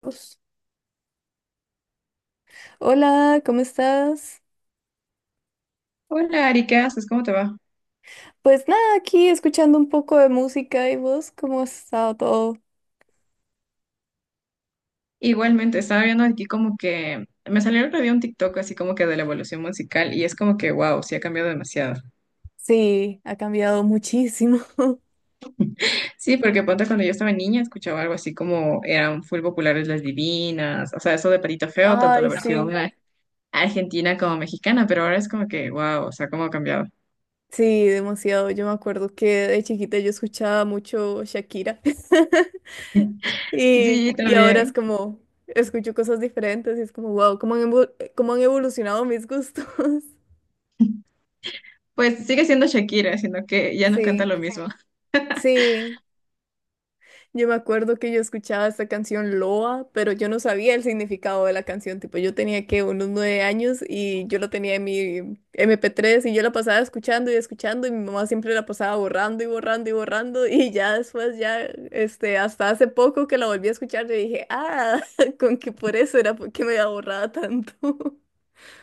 Pues, hola, ¿cómo estás? Hola Ari, ¿qué haces? ¿Cómo te va? Pues nada, aquí escuchando un poco de música y vos, ¿cómo ha estado todo? Igualmente, estaba viendo aquí como que me salió el otro día un TikTok así como que de la evolución musical y es como que wow, sí ha cambiado demasiado. Sí, ha cambiado muchísimo. Sí, porque ponte cuando yo estaba niña escuchaba algo así como eran full populares las divinas, o sea, eso de Patito Feo, tanto la Ay, versión sí, argentina como mexicana, pero ahora es como que wow, o sea, cómo ha cambiado. sí, demasiado. Yo me acuerdo que de chiquita yo escuchaba mucho Shakira y, Sí, y ahora es también. como, escucho cosas diferentes y es como, wow, cómo han evolucionado mis gustos. Pues sigue siendo Shakira, sino que ya no canta Sí, lo mismo. sí. Yo me acuerdo que yo escuchaba esta canción Loa, pero yo no sabía el significado de la canción. Tipo, yo tenía que unos nueve años y yo lo tenía en mi MP3 y yo la pasaba escuchando y escuchando, y mi mamá siempre la pasaba borrando y borrando y borrando. Y ya después ya, este, hasta hace poco que la volví a escuchar, yo dije, ah, con que por eso era, porque me había borrado tanto.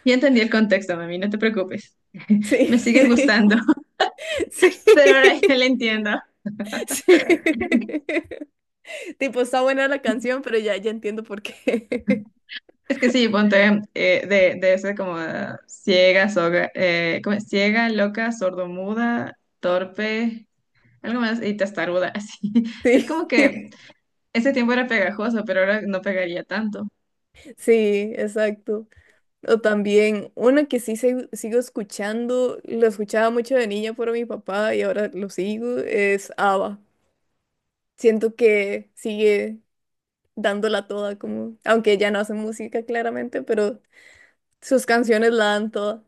Ya entendí el contexto, mami, no te preocupes. Sí, Me sigue gustando, sí, pero ahora ya la entiendo. sí. Tipo, está buena la canción, pero ya, ya entiendo por qué. Es que sí, ponte de ese como ciega, soga, ¿cómo es? Ciega, loca, sordomuda, torpe, algo más, y testaruda, así. Es Sí. como que ese tiempo era pegajoso, pero ahora no pegaría tanto. Sí, exacto. O también una que sí sigo escuchando, lo escuchaba mucho de niña por mi papá y ahora lo sigo, es ABBA. Siento que sigue dándola toda, como, aunque ya no hace música claramente, pero sus canciones la dan toda.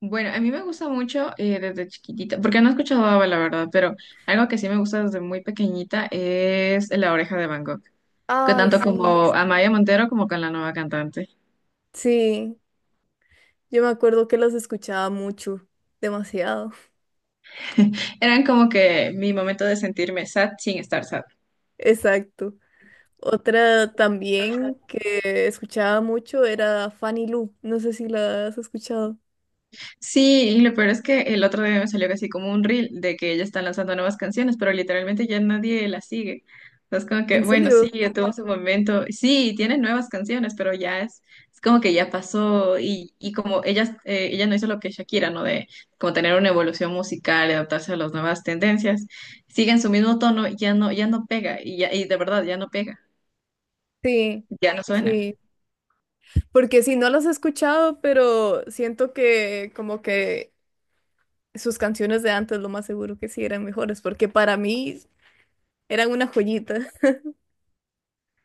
Bueno, a mí me gusta mucho desde chiquitita, porque no he escuchado ABBA, la verdad, pero algo que sí me gusta desde muy pequeñita es La Oreja de Van Gogh, que Ay, tanto sí. como Amaya Montero como con la nueva cantante. Sí, yo me acuerdo que las escuchaba mucho, demasiado. Eran como que mi momento de sentirme sad sin estar sad. Exacto. Otra también que escuchaba mucho era Fanny Lu. No sé si la has escuchado. Sí, y lo peor es que el otro día me salió casi como un reel de que ella está lanzando nuevas canciones, pero literalmente ya nadie la sigue. Entonces como que, ¿En bueno, sí, serio? ya tuvo su momento. Sí, tiene nuevas canciones, pero ya es como que ya pasó y como ella, ella no hizo lo que Shakira, ¿no? De como tener una evolución musical, adaptarse a las nuevas tendencias, sigue en su mismo tono, ya no, ya no pega y, ya, y de verdad ya no pega, Sí, ya no suena. sí, porque si no las he escuchado, pero siento que como que sus canciones de antes lo más seguro que sí eran mejores, porque para mí eran una joyita.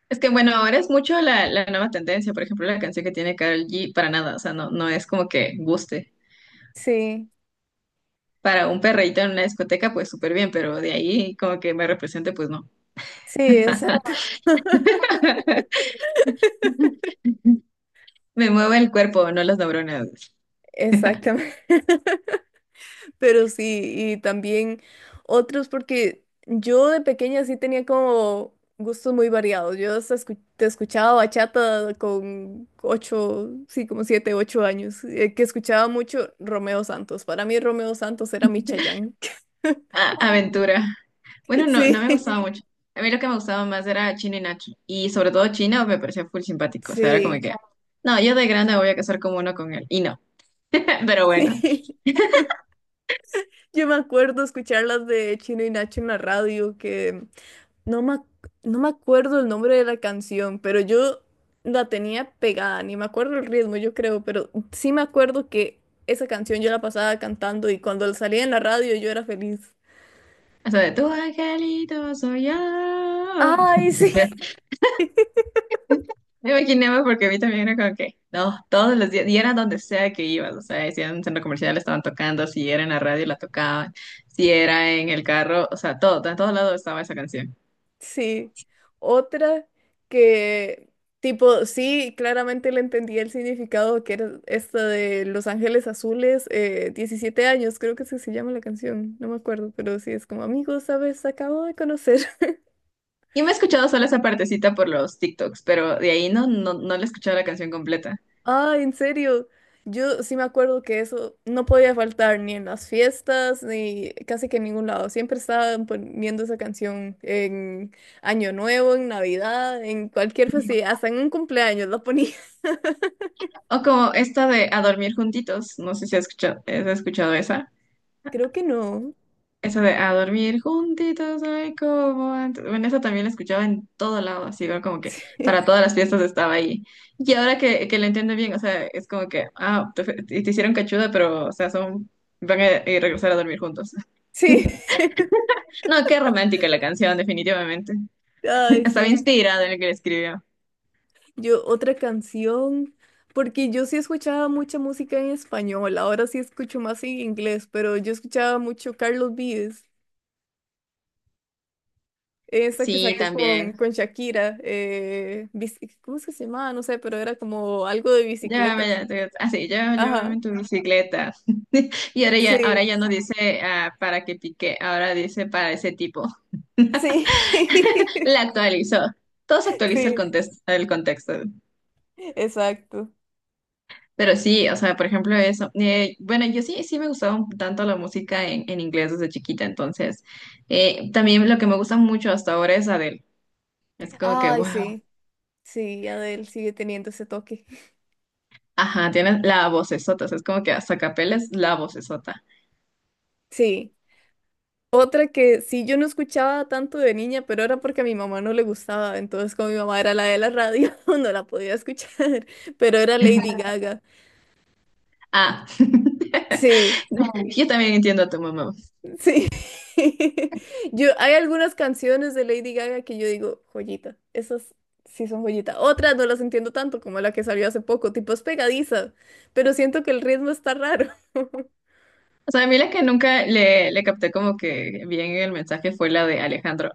Es que bueno, ahora es mucho la nueva tendencia, por ejemplo, la canción que tiene Karol G, para nada, o sea, no, no es como que guste. Sí, Para un perreíto en una discoteca, pues súper bien, pero de ahí como que me represente, pues no. sí, exacto. Me mueve el cuerpo, no las neuronas. Exactamente. Pero sí, y también otros, porque yo de pequeña sí tenía como gustos muy variados. Yo hasta te escuchaba bachata con ocho, sí, como siete, ocho años, que escuchaba mucho Romeo Santos. Para mí Romeo Santos era mi Chayanne. Ah, aventura. Bueno, no, no Sí, me gustaba mucho. A mí lo que me gustaba más era Chino y Nacho, y sobre todo Chino me parecía full simpático, o sea, era como sí, que, no, yo de grande me voy a casar como uno con él, y no. Pero bueno, sí. Yo me acuerdo escuchar las de Chino y Nacho en la radio, que No me, ac- no me acuerdo el nombre de la canción, pero yo la tenía pegada, ni me acuerdo el ritmo, yo creo, pero sí me acuerdo que esa canción yo la pasaba cantando, y cuando la salía en la radio yo era feliz. o sea, de tu angelito soy yo. Ay, sí, Me imaginaba porque a mí también era como que, no, todos los días, y era donde sea que ibas, o sea, si era en un centro comercial estaban tocando, si era en la radio la tocaban, si era en el carro, o sea, todo, en todos lados estaba esa canción. sí. Otra que, tipo, sí, claramente le entendía el significado, que era esta de Los Ángeles Azules, 17 años, creo que así se llama la canción, no me acuerdo, pero sí es como, amigos, ¿sabes? Acabo de conocer. Y me he escuchado solo esa partecita por los TikToks, pero de ahí no le he escuchado la canción completa. Ah, ¿en serio? Yo sí me acuerdo que eso no podía faltar ni en las fiestas, ni casi que en ningún lado. Siempre estaban poniendo esa canción en Año Nuevo, en Navidad, en cualquier festividad, hasta en un cumpleaños la ponía. O como esta de A dormir juntitos, no sé si has escuchado, has escuchado esa. Creo que no. Eso de a dormir juntitos, ay, cómo antes. Bueno, eso también lo escuchaba en todo lado, así igual como que para todas las fiestas estaba ahí. Y ahora que lo entiendo bien, o sea, es como que, ah, te hicieron cachuda, pero, o sea, son, van a regresar a dormir juntos. Sí. Sí. No, qué romántica la canción, definitivamente. Ay, Estaba sí. inspirada en el que la escribió. Yo, otra canción, porque yo sí escuchaba mucha música en español, ahora sí escucho más en inglés, pero yo escuchaba mucho Carlos Vives. Esa que Sí, sacó con, también. con Shakira, ¿cómo es que se llamaba? No sé, pero era como algo de Llévame, bicicleta. ya, te- ah, sí, yo, Llévame Ajá, en tu bicicleta. Y ahora sí, ya no dice ah, para que pique, ahora dice para ese tipo. sí, La actualizó. Todo se actualiza el sí, contexto, el contexto. exacto. Pero sí, o sea, por ejemplo, eso. Bueno, yo sí, sí me gustaba un tanto la música en inglés desde chiquita, entonces. También lo que me gusta mucho hasta ahora es Adele. Es como que, Ay, wow. sí, sí, Adele sigue teniendo ese toque. Ajá, tienes la vocesota, o sea, es como que hasta capela es la vocesota. Sí. Otra que sí yo no escuchaba tanto de niña, pero era porque a mi mamá no le gustaba, entonces como mi mamá era la de la radio, no la podía escuchar, pero era Lady Gaga. Ah. Sí. Yo también entiendo a tu mamá. Sí. Yo, hay algunas canciones de Lady Gaga que yo digo, joyita. Esas sí son joyita. Otras no las entiendo tanto, como la que salió hace poco, tipo, es pegadiza, pero siento que el ritmo está raro. O sea, a mí la que nunca le capté como que bien el mensaje fue la de Alejandro.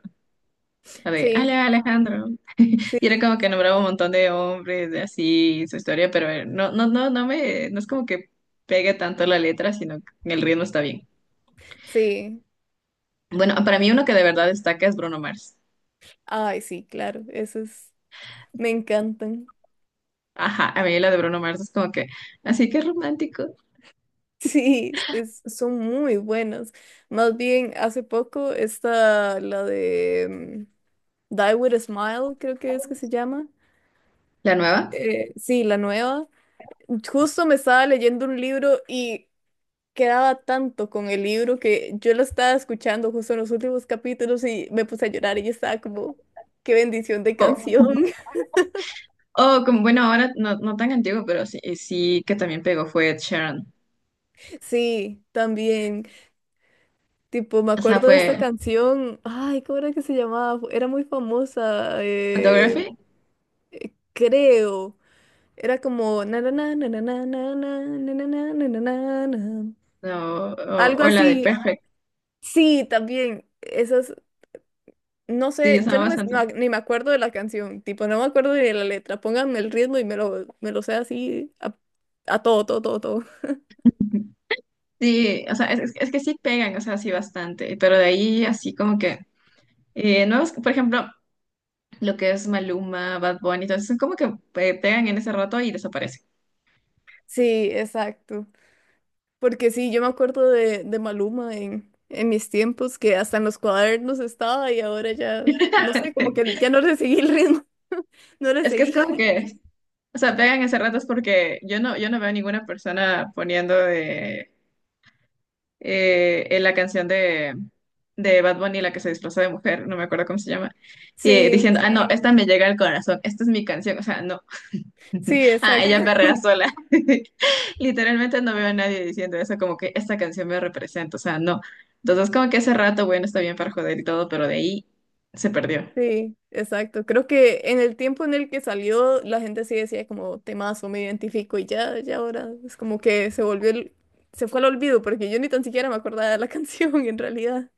La de Sí, Alejandro. sí, Y era como que nombraba un montón de hombres, de así, su historia, pero no es como que pegue tanto la letra, sino que el ritmo está bien. sí. Bueno, para mí uno que de verdad destaca es Bruno Mars. Ay, sí, claro, esas me encantan. Ajá, a mí la de Bruno Mars es como que, así que romántico. Sí, son muy buenas. Más bien, hace poco está la de Die With a Smile, creo que es que se llama. ¿La nueva? Sí, la nueva. Justo me estaba leyendo un libro, y quedaba tanto con el libro, que yo lo estaba escuchando justo en los últimos capítulos y me puse a llorar, y yo estaba como, qué bendición de O canción. o como, bueno, ahora no, no tan antiguo, pero sí, sí que también pegó fue Ed Sheeran. Sí, también. Tipo, me O sea, acuerdo de esta fue canción. Ay, ¿cómo era que se llamaba? Era muy famosa, Photography creo. Era como na na na na na na na na na na na na na na na. no, Algo o la de así. Perfect. Sí, también. Esa es No Sí, sé, yo estaba no me, no- bastante. ni me acuerdo de la canción, tipo, no me acuerdo ni de la letra. Pónganme el ritmo y me lo sé así a todo, todo, todo, todo. Sí, o sea, es que sí pegan, o sea, sí bastante, pero de ahí así como que, nuevos, por ejemplo, lo que es Maluma, Bad Bunny, entonces son como que pegan en ese rato y desaparecen. Sí, exacto. Porque sí, yo me acuerdo de Maluma en mis tiempos, que hasta en los cuadernos estaba, y ahora ya, no sé, como que ya no le seguí el ritmo, no le Es que es seguí. como que, o sea, pegan ese rato es porque yo no, yo no veo ninguna persona poniendo de, en la canción de Bad Bunny, la que se disfrazó de mujer, no me acuerdo cómo se llama, y Sí, diciendo, ah, no, esta me llega al corazón, esta es mi canción, o sea, no. sí, Ah, exacto. ella perrea sola. Literalmente no veo a nadie diciendo eso, como que esta canción me representa, o sea, no. Entonces, como que ese rato, bueno, está bien para joder y todo, pero de ahí se perdió. Sí, exacto. Creo que en el tiempo en el que salió, la gente sí decía como temazo, me identifico, y ya, ya ahora es como que se volvió se fue al olvido, porque yo ni tan siquiera me acordaba de la canción en realidad.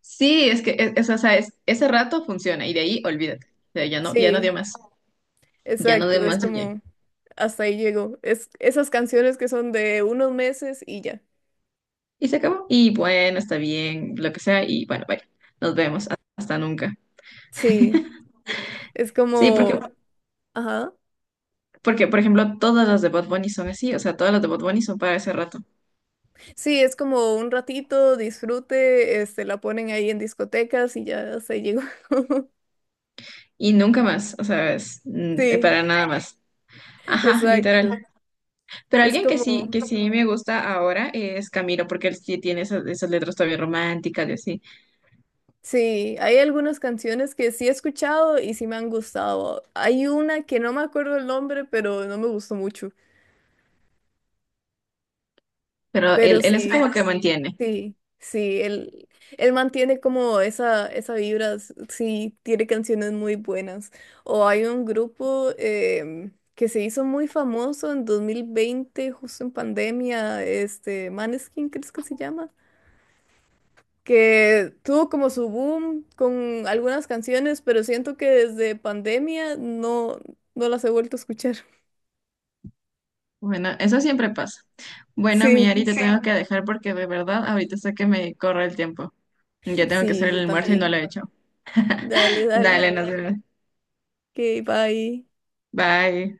Sí, es que es- o sea, es- ese rato funciona y de ahí olvídate. O sea, ya no, ya no Sí, dio más, ya no dio exacto. Es más y ya. como hasta ahí llegó. Es esas canciones que son de unos meses y ya. Y se acabó. Y bueno, está bien, lo que sea, y bueno, bye. Nos vemos. Hasta nunca. Sí, es Sí, porque, como, ajá. porque, por ejemplo, todas las de Bad Bunny son así, o sea, todas las de Bad Bunny son para ese rato. Sí, es como un ratito, disfrute, este, la ponen ahí en discotecas y ya hasta ahí llegó. Y nunca más, o sea, es, Sí, para nada más. Ajá, exacto. literal. Pero Es alguien como que sí me gusta ahora es Camilo, porque él sí tiene esas, esas letras todavía románticas y así. Sí, hay algunas canciones que sí he escuchado y sí me han gustado. Hay una que no me acuerdo el nombre, pero no me gustó mucho. Pero él, Pero él es como sí, Bueno, que sí, mantiene. sí, sí, él mantiene como esa vibra, sí, tiene canciones muy buenas. O hay un grupo que se hizo muy famoso en 2020, justo en pandemia, este, Maneskin, ¿crees que se llama? Que tuvo como su boom con algunas canciones, pero siento que desde pandemia no, no las he vuelto a escuchar. Bueno, eso siempre pasa. Bueno, mi Ari, Sí, te sí. tengo que dejar porque de verdad ahorita sé que me corre el tiempo. Ya tengo que hacer sí, el yo almuerzo y no sí. lo también. he hecho. Dale, dale. Dale, nos vemos. Ok, bye. Bye.